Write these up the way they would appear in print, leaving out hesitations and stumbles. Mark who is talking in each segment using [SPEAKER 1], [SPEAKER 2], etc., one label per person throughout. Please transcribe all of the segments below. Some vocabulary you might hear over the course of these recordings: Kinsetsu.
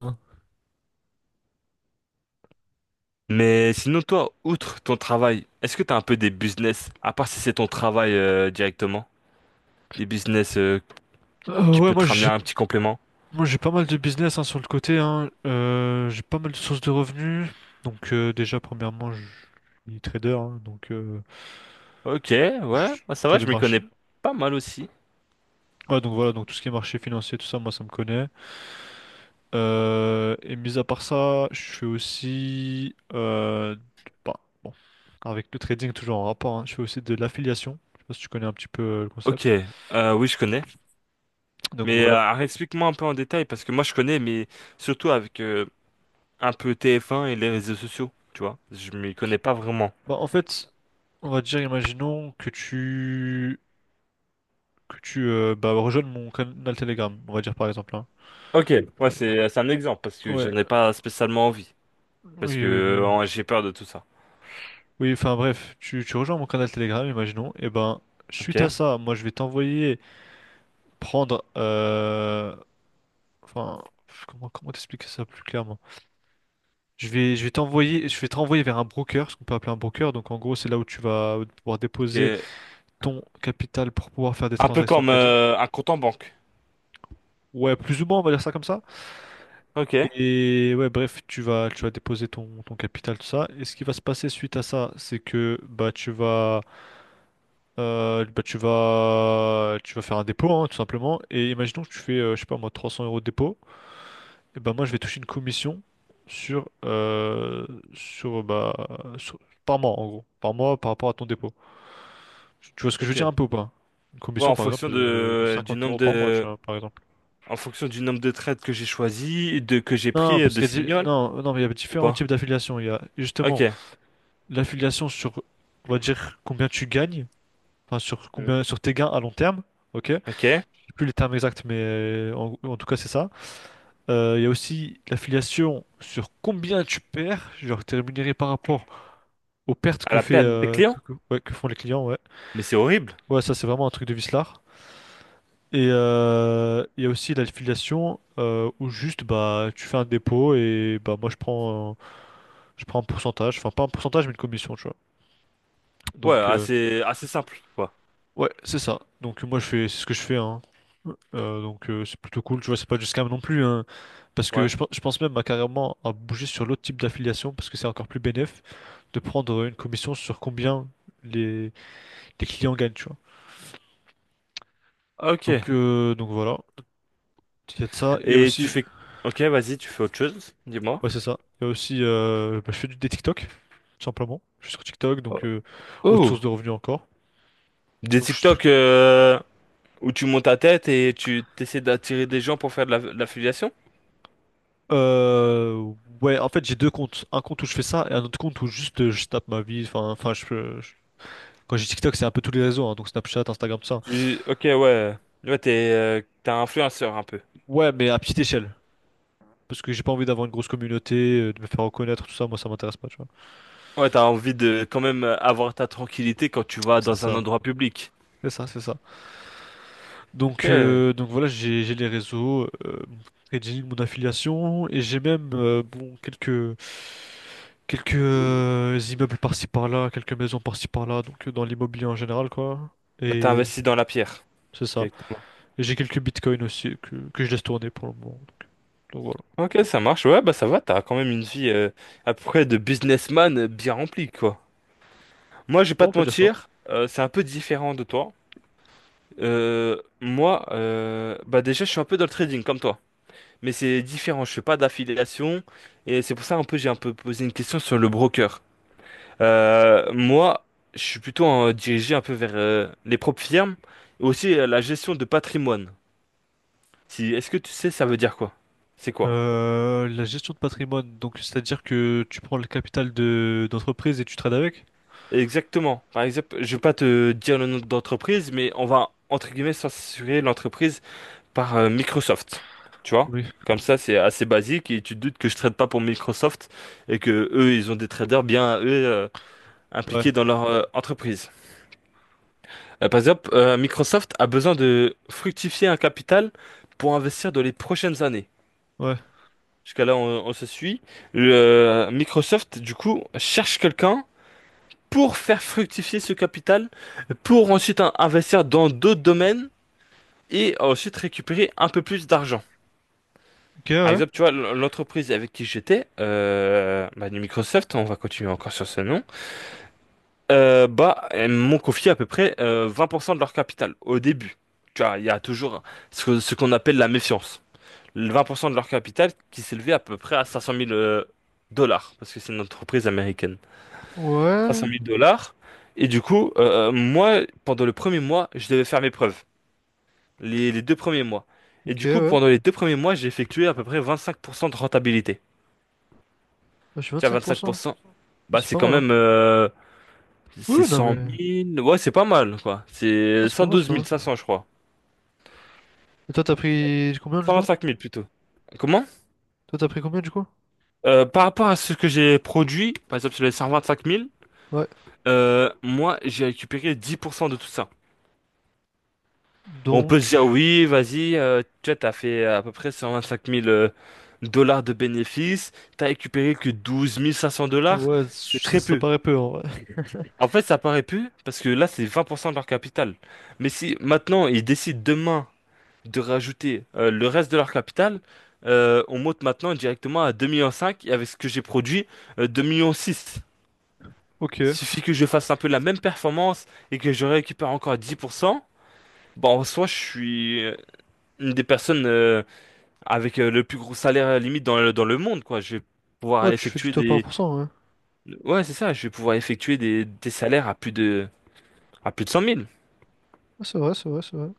[SPEAKER 1] Hein.
[SPEAKER 2] Mais sinon, toi, outre ton travail, est-ce que tu as un peu des business, à part si c'est ton travail directement, des business. Qui
[SPEAKER 1] Ouais,
[SPEAKER 2] peut
[SPEAKER 1] moi
[SPEAKER 2] te ramener
[SPEAKER 1] j'ai
[SPEAKER 2] un petit complément?
[SPEAKER 1] moi j'ai pas mal de business hein, sur le côté. Hein. J'ai pas mal de sources de revenus. Donc déjà premièrement, je suis trader, hein, donc
[SPEAKER 2] Ok,
[SPEAKER 1] je
[SPEAKER 2] ouais,
[SPEAKER 1] suis
[SPEAKER 2] bah ça
[SPEAKER 1] sur
[SPEAKER 2] va,
[SPEAKER 1] les
[SPEAKER 2] je m'y
[SPEAKER 1] marchés.
[SPEAKER 2] connais pas mal aussi.
[SPEAKER 1] Ouais, donc voilà, donc tout ce qui est marché financier, tout ça, moi ça me connaît. Et mis à part ça, je suis aussi bah, bon, avec le trading toujours en rapport. Hein, je fais aussi de l'affiliation. Je sais pas si tu connais un petit peu le
[SPEAKER 2] Ok,
[SPEAKER 1] concept.
[SPEAKER 2] oui, je connais.
[SPEAKER 1] Donc
[SPEAKER 2] Mais
[SPEAKER 1] voilà.
[SPEAKER 2] alors, explique-moi un peu en détail, parce que moi, je connais, mais surtout avec un peu TF1 et les réseaux sociaux, tu vois. Je m'y connais pas vraiment.
[SPEAKER 1] Bah en fait, on va dire, imaginons que tu bah, rejoignes mon canal Telegram, on va dire par exemple. Hein.
[SPEAKER 2] Ok, ouais, c'est un exemple, parce que
[SPEAKER 1] Ouais,
[SPEAKER 2] j'en ai pas spécialement envie, parce que
[SPEAKER 1] oui, mais...
[SPEAKER 2] j'ai peur de tout ça.
[SPEAKER 1] Oui, enfin bref, tu rejoins mon canal Telegram, imaginons, et ben, suite à
[SPEAKER 2] Ok,
[SPEAKER 1] ça, moi je vais t'envoyer prendre... Enfin, comment t'expliquer ça plus clairement? Je vais t'envoyer, je vais te renvoyer vers un broker, ce qu'on peut appeler un broker, donc en gros c'est là où tu vas pouvoir déposer
[SPEAKER 2] ok.
[SPEAKER 1] ton capital pour pouvoir faire des
[SPEAKER 2] Un peu
[SPEAKER 1] transactions de
[SPEAKER 2] comme
[SPEAKER 1] trading.
[SPEAKER 2] un compte en banque.
[SPEAKER 1] Ouais, plus ou moins, on va dire ça comme ça.
[SPEAKER 2] Ok,
[SPEAKER 1] Et ouais, bref, tu vas déposer ton capital, tout ça. Et ce qui va se passer suite à ça, c'est que bah, tu vas faire un dépôt, hein, tout simplement. Et imaginons que tu fais, je sais pas moi, 300 euros de dépôt. Et ben moi, je vais toucher une commission sur, euh, sur bah, sur- par mois en gros, par mois par rapport à ton dépôt. Tu vois ce que je veux dire
[SPEAKER 2] ok.
[SPEAKER 1] un peu ou pas? Une
[SPEAKER 2] Ouais,
[SPEAKER 1] commission
[SPEAKER 2] en
[SPEAKER 1] par
[SPEAKER 2] fonction
[SPEAKER 1] exemple de
[SPEAKER 2] de du
[SPEAKER 1] 50
[SPEAKER 2] nombre
[SPEAKER 1] euros par mois, tu
[SPEAKER 2] de
[SPEAKER 1] vois, par exemple.
[SPEAKER 2] en fonction du nombre de trades que j'ai choisi, de que j'ai pris
[SPEAKER 1] Non, parce
[SPEAKER 2] de
[SPEAKER 1] qu'il y a,
[SPEAKER 2] signal
[SPEAKER 1] non, mais il y a
[SPEAKER 2] ou
[SPEAKER 1] différents
[SPEAKER 2] pas.
[SPEAKER 1] types d'affiliations. Il y a
[SPEAKER 2] Ok.
[SPEAKER 1] justement l'affiliation sur, on va dire, combien tu gagnes, enfin, sur
[SPEAKER 2] Mhm.
[SPEAKER 1] combien, sur tes gains à long terme. Ok, je
[SPEAKER 2] Ok.
[SPEAKER 1] sais
[SPEAKER 2] À
[SPEAKER 1] plus les termes exacts, mais en tout cas, c'est ça. Il y a aussi l'affiliation sur combien tu perds, genre t'es rémunéré par rapport aux pertes que
[SPEAKER 2] la
[SPEAKER 1] fait
[SPEAKER 2] perte des clients?
[SPEAKER 1] ouais, que font les clients, ouais.
[SPEAKER 2] Mais c'est horrible.
[SPEAKER 1] Ouais, ça c'est vraiment un truc de vislard. Et il y a aussi l'affiliation où juste bah tu fais un dépôt et bah moi je prends un pourcentage, enfin pas un pourcentage mais une commission, tu vois.
[SPEAKER 2] Ouais,
[SPEAKER 1] Donc
[SPEAKER 2] assez simple quoi.
[SPEAKER 1] ouais, c'est ça. Donc moi je fais c'est ce que je fais hein. C'est plutôt cool, tu vois, c'est pas du scam non plus hein. Parce que
[SPEAKER 2] Ouais.
[SPEAKER 1] je pense même à carrément à bouger sur l'autre type d'affiliation parce que c'est encore plus bénéf de prendre une commission sur combien les, les clients gagnent, tu vois.
[SPEAKER 2] Ok.
[SPEAKER 1] Donc voilà, il y a de ça, il y a
[SPEAKER 2] Et tu
[SPEAKER 1] aussi
[SPEAKER 2] fais Ok, vas-y, tu fais autre chose, dis-moi.
[SPEAKER 1] ouais, c'est ça. Il y a aussi bah, je fais du des TikTok tout simplement. Je suis sur TikTok donc
[SPEAKER 2] Oh.
[SPEAKER 1] autre source
[SPEAKER 2] Oh.
[SPEAKER 1] de revenus encore.
[SPEAKER 2] Des
[SPEAKER 1] Donc je
[SPEAKER 2] TikTok où tu montes ta tête et tu t'essaies d'attirer des gens pour faire de l'affiliation?
[SPEAKER 1] Euh, ouais, en fait, j'ai deux comptes. Un compte où je fais ça et un autre compte où juste je tape ma vie. Quand j'ai TikTok, c'est un peu tous les réseaux, hein, donc Snapchat, Instagram, tout ça.
[SPEAKER 2] Tu... Ok, ouais. Ouais, t'es, t'es un influenceur un peu.
[SPEAKER 1] Ouais, mais à petite échelle. Parce que j'ai pas envie d'avoir une grosse communauté, de me faire reconnaître, tout ça. Moi, ça m'intéresse pas, tu vois.
[SPEAKER 2] Ouais, t'as envie de quand même avoir ta tranquillité quand tu vas
[SPEAKER 1] C'est
[SPEAKER 2] dans un
[SPEAKER 1] ça,
[SPEAKER 2] endroit public.
[SPEAKER 1] c'est ça.
[SPEAKER 2] Ok,
[SPEAKER 1] Donc voilà, j'ai les réseaux, mon trading, mon affiliation et j'ai même bon quelques immeubles par-ci par-là, quelques maisons par-ci par-là. Donc dans l'immobilier en général, quoi.
[SPEAKER 2] t'as
[SPEAKER 1] Et
[SPEAKER 2] investi dans la pierre
[SPEAKER 1] c'est ça.
[SPEAKER 2] directement.
[SPEAKER 1] J'ai quelques bitcoins aussi que je laisse tourner pour le moment. Donc voilà.
[SPEAKER 2] Ok, ça marche. Ouais, bah ça va, t'as quand même une vie à peu près de businessman bien remplie, quoi. Moi, je vais
[SPEAKER 1] Ouais,
[SPEAKER 2] pas
[SPEAKER 1] on
[SPEAKER 2] te
[SPEAKER 1] peut dire ça.
[SPEAKER 2] mentir, c'est un peu différent de toi. Moi, bah déjà, je suis un peu dans le trading comme toi. Mais c'est différent, je fais pas d'affiliation. Et c'est pour ça, un peu, j'ai un peu posé une question sur le broker. Moi, je suis plutôt dirigé un peu vers les propres firmes et aussi la gestion de patrimoine. Si, est-ce que tu sais, ça veut dire quoi? C'est quoi?
[SPEAKER 1] La gestion de patrimoine, donc c'est-à-dire que tu prends le capital de d'entreprise et tu trades avec?
[SPEAKER 2] Exactement. Par exemple, je vais pas te dire le nom d'entreprise, mais on va entre guillemets censurer l'entreprise par Microsoft. Tu vois?
[SPEAKER 1] Oui.
[SPEAKER 2] Comme ça, c'est assez basique et tu te doutes que je trade pas pour Microsoft et que eux, ils ont des traders bien eux
[SPEAKER 1] Ouais,
[SPEAKER 2] impliqués dans leur entreprise. Par exemple, Microsoft a besoin de fructifier un capital pour investir dans les prochaines années.
[SPEAKER 1] ouais.
[SPEAKER 2] Jusqu'à là, on se suit. Microsoft, du coup, cherche quelqu'un pour faire fructifier ce capital, pour ensuite investir dans d'autres domaines et ensuite récupérer un peu plus d'argent.
[SPEAKER 1] Ok,
[SPEAKER 2] Par
[SPEAKER 1] ouais.
[SPEAKER 2] exemple, tu vois, l'entreprise avec qui j'étais, bah, du Microsoft, on va continuer encore sur ce nom. Bah, elles m'ont confié à peu près 20% de leur capital au début. Tu vois, il y a toujours ce qu'on appelle la méfiance. Le 20% de leur capital qui s'élevait à peu près à 500 000 dollars, parce que c'est une entreprise américaine. 500
[SPEAKER 1] Ouais,
[SPEAKER 2] 000 dollars. Et du coup, moi, pendant le premier mois, je devais faire mes preuves. Les deux premiers mois. Et
[SPEAKER 1] ok,
[SPEAKER 2] du
[SPEAKER 1] ouais.
[SPEAKER 2] coup,
[SPEAKER 1] Moi,
[SPEAKER 2] pendant les deux premiers mois, j'ai effectué à peu près 25% de rentabilité.
[SPEAKER 1] je suis
[SPEAKER 2] Tu vois,
[SPEAKER 1] 25%.
[SPEAKER 2] 25%, bah,
[SPEAKER 1] C'est
[SPEAKER 2] c'est
[SPEAKER 1] pas
[SPEAKER 2] quand
[SPEAKER 1] mal, hein.
[SPEAKER 2] même c'est
[SPEAKER 1] Oui, non,
[SPEAKER 2] cent
[SPEAKER 1] mais.
[SPEAKER 2] mille ouais, c'est pas mal, quoi.
[SPEAKER 1] Ah,
[SPEAKER 2] C'est
[SPEAKER 1] c'est pas
[SPEAKER 2] cent
[SPEAKER 1] mal, c'est
[SPEAKER 2] douze
[SPEAKER 1] pas mal.
[SPEAKER 2] mille cinq cents je crois.
[SPEAKER 1] Et toi, t'as pris combien du
[SPEAKER 2] cent vingt
[SPEAKER 1] coup?
[SPEAKER 2] cinq mille plutôt. Comment?
[SPEAKER 1] Toi, t'as pris combien du coup?
[SPEAKER 2] Par rapport à ce que j'ai produit, par exemple sur les 125 000,
[SPEAKER 1] Ouais.
[SPEAKER 2] moi, j'ai récupéré 10% de tout ça. On peut
[SPEAKER 1] Donc.
[SPEAKER 2] se dire, oui, vas-y, tu vois, t'as fait à peu près 125 000 dollars de bénéfices, t'as récupéré que 12 500 dollars,
[SPEAKER 1] Ouais,
[SPEAKER 2] c'est très
[SPEAKER 1] ça
[SPEAKER 2] peu.
[SPEAKER 1] paraît peu en vrai.
[SPEAKER 2] En fait, ça paraît peu, parce que là, c'est 20% de leur capital. Mais si maintenant, ils décident demain de rajouter le reste de leur capital, on monte maintenant directement à 2,5 millions et avec ce que j'ai produit, 2,6 millions.
[SPEAKER 1] Ok.
[SPEAKER 2] Il suffit que je fasse un peu la même performance et que je récupère encore 10%. Bon, en soi, je suis une des personnes avec le plus gros salaire limite dans le monde, quoi. Je vais pouvoir
[SPEAKER 1] Ouais, tu fais du
[SPEAKER 2] effectuer
[SPEAKER 1] top
[SPEAKER 2] des...
[SPEAKER 1] 1%, ouais.
[SPEAKER 2] Ouais, c'est ça, je vais pouvoir effectuer des salaires à plus de 100 000.
[SPEAKER 1] Ah, c'est vrai, c'est vrai.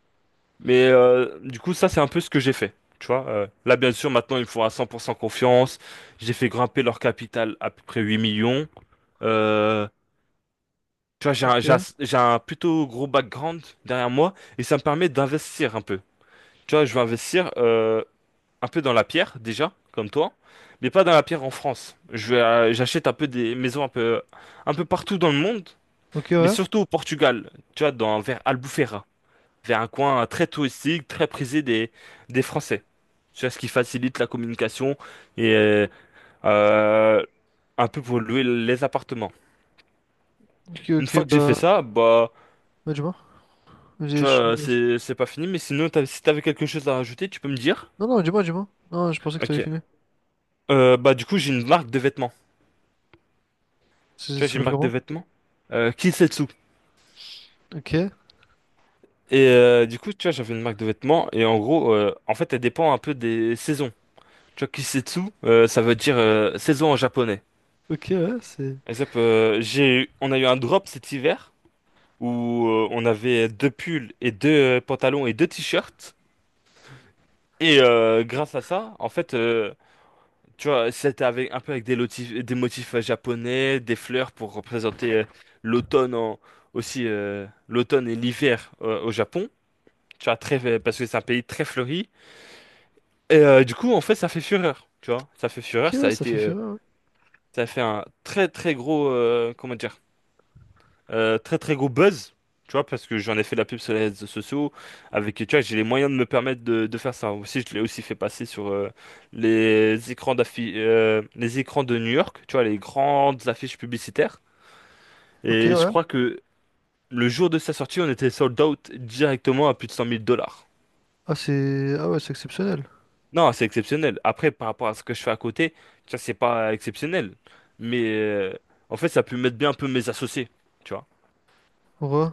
[SPEAKER 2] Mais du coup, ça, c'est un peu ce que j'ai fait. Tu vois, là, bien sûr, maintenant, ils me font à 100% confiance. J'ai fait grimper leur capital à peu près 8 millions. Euh, tu vois,
[SPEAKER 1] Ok.
[SPEAKER 2] j'ai un plutôt gros background derrière moi et ça me permet d'investir un peu. Tu vois, je vais investir un peu dans la pierre, déjà, comme toi, mais pas dans la pierre en France. J'achète un peu des maisons un peu partout dans le monde,
[SPEAKER 1] Ok,
[SPEAKER 2] mais
[SPEAKER 1] ouais.
[SPEAKER 2] surtout au Portugal, tu vois, dans, vers Albufeira vers un coin très touristique, très prisé des Français. Tu vois, ce qui facilite la communication et euh, un peu pour louer les appartements.
[SPEAKER 1] Ok,
[SPEAKER 2] Une
[SPEAKER 1] ok,
[SPEAKER 2] fois que j'ai fait
[SPEAKER 1] bah.
[SPEAKER 2] ça, bah,
[SPEAKER 1] Ouais, dis-moi.
[SPEAKER 2] tu
[SPEAKER 1] J'ai- je suis-
[SPEAKER 2] vois,
[SPEAKER 1] je-
[SPEAKER 2] c'est pas fini, mais sinon, si t'avais quelque chose à rajouter, tu peux me dire?
[SPEAKER 1] Non, non, dis-moi. Non, je pensais que t'avais
[SPEAKER 2] Ok.
[SPEAKER 1] fini.
[SPEAKER 2] Bah, du coup, j'ai une marque de vêtements.
[SPEAKER 1] Ça ça
[SPEAKER 2] Tu vois, j'ai une
[SPEAKER 1] s'appelle
[SPEAKER 2] marque de
[SPEAKER 1] comment?
[SPEAKER 2] vêtements. Kinsetsu.
[SPEAKER 1] Ok,
[SPEAKER 2] Et du coup, tu vois, j'avais une marque de vêtements, et en gros, en fait, elle dépend un peu des saisons. Tu vois, Kisetsu, ça veut dire saison en japonais.
[SPEAKER 1] ok, ouais, c'est.
[SPEAKER 2] Et on a eu un drop cet hiver où on avait deux pulls et deux pantalons et deux t-shirts. Et grâce à ça, en fait, tu vois, c'était avec un peu avec des motifs japonais, des fleurs pour représenter l'automne en- aussi l'automne et l'hiver au Japon. Tu vois, très, parce que c'est un pays très fleuri. Et du coup, en fait, ça fait fureur. Tu vois, ça fait
[SPEAKER 1] Ok,
[SPEAKER 2] fureur. Ça
[SPEAKER 1] ouais,
[SPEAKER 2] a
[SPEAKER 1] ça
[SPEAKER 2] été,
[SPEAKER 1] fait fureur. Ouais.
[SPEAKER 2] ça a fait un très très gros, comment dire. Très très gros buzz, tu vois, parce que j'en ai fait de la pub sur les réseaux sociaux, avec, tu vois, j'ai les moyens de me permettre de faire ça. Aussi, je l'ai aussi fait passer sur les écrans de New York, tu vois, les grandes affiches publicitaires.
[SPEAKER 1] Ok,
[SPEAKER 2] Et je
[SPEAKER 1] ouais.
[SPEAKER 2] crois que le jour de sa sortie, on était sold out directement à plus de 100 000 dollars.
[SPEAKER 1] Ah, c'est. Ah, ouais, c'est exceptionnel.
[SPEAKER 2] Non, c'est exceptionnel. Après, par rapport à ce que je fais à côté, ça c'est pas exceptionnel. Mais en fait, ça a pu mettre bien un peu mes associés, tu vois.
[SPEAKER 1] Ouais.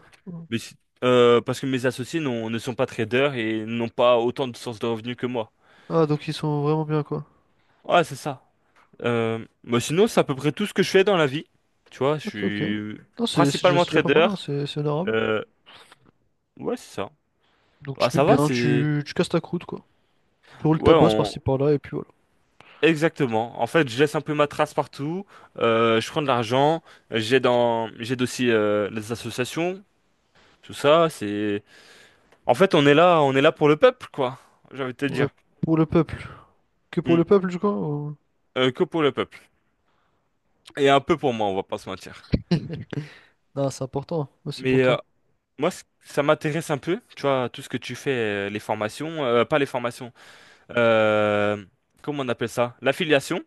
[SPEAKER 2] Mais si- parce que ne sont pas traders et n'ont pas autant de sources de revenus que moi.
[SPEAKER 1] Ah, donc ils sont vraiment bien, quoi.
[SPEAKER 2] Ouais, c'est ça. Mais sinon, c'est à peu près tout ce que je fais dans la vie. Tu vois, je
[SPEAKER 1] Ok, ok.
[SPEAKER 2] suis
[SPEAKER 1] Non, c'est c'est déjà,
[SPEAKER 2] principalement
[SPEAKER 1] c'est déjà pas mal,
[SPEAKER 2] trader.
[SPEAKER 1] hein. C'est honorable.
[SPEAKER 2] Euh, ouais, c'est ça.
[SPEAKER 1] Donc tu
[SPEAKER 2] Bah,
[SPEAKER 1] te mets
[SPEAKER 2] ça va,
[SPEAKER 1] bien,
[SPEAKER 2] c'est...
[SPEAKER 1] tu casses ta croûte, quoi. Tu roules
[SPEAKER 2] Ouais,
[SPEAKER 1] ta bosse
[SPEAKER 2] on...
[SPEAKER 1] par-ci par-là, et puis voilà.
[SPEAKER 2] Exactement. En fait, je laisse un peu ma trace partout. Je prends de l'argent. J'aide dans... j'aide aussi les associations. Tout ça, c'est... En fait, on est là pour le peuple, quoi. J'ai envie de te
[SPEAKER 1] Ouais.
[SPEAKER 2] dire.
[SPEAKER 1] Pour le peuple. Que pour le
[SPEAKER 2] Mm.
[SPEAKER 1] peuple, du coup? Ou-
[SPEAKER 2] Que pour le peuple. Et un peu pour moi, on va pas se mentir.
[SPEAKER 1] Non, c'est important. Aussi pour
[SPEAKER 2] Mais
[SPEAKER 1] toi.
[SPEAKER 2] moi, ça m'intéresse un peu, tu vois, tout ce que tu fais, les formations, pas les formations, euh, comment on appelle ça? L'affiliation,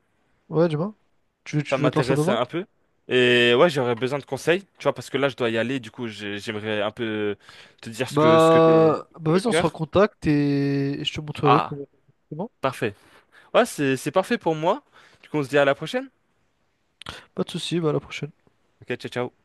[SPEAKER 1] Ouais, dis-moi. Tu
[SPEAKER 2] ça
[SPEAKER 1] veux te lancer
[SPEAKER 2] m'intéresse
[SPEAKER 1] dedans?
[SPEAKER 2] un peu. Et ouais, j'aurais besoin de conseils, tu vois, parce que là, je dois y aller, du coup, j'aimerais un peu te dire ce que j'ai
[SPEAKER 1] Bah
[SPEAKER 2] sur le
[SPEAKER 1] vas-y, on se
[SPEAKER 2] cœur.
[SPEAKER 1] recontacte et je te montrerai
[SPEAKER 2] Ah,
[SPEAKER 1] comment.
[SPEAKER 2] parfait. Ouais, c'est parfait pour moi. Du coup, on se dit à la prochaine.
[SPEAKER 1] Pas de souci, bah à la prochaine.
[SPEAKER 2] Ok, ciao, ciao.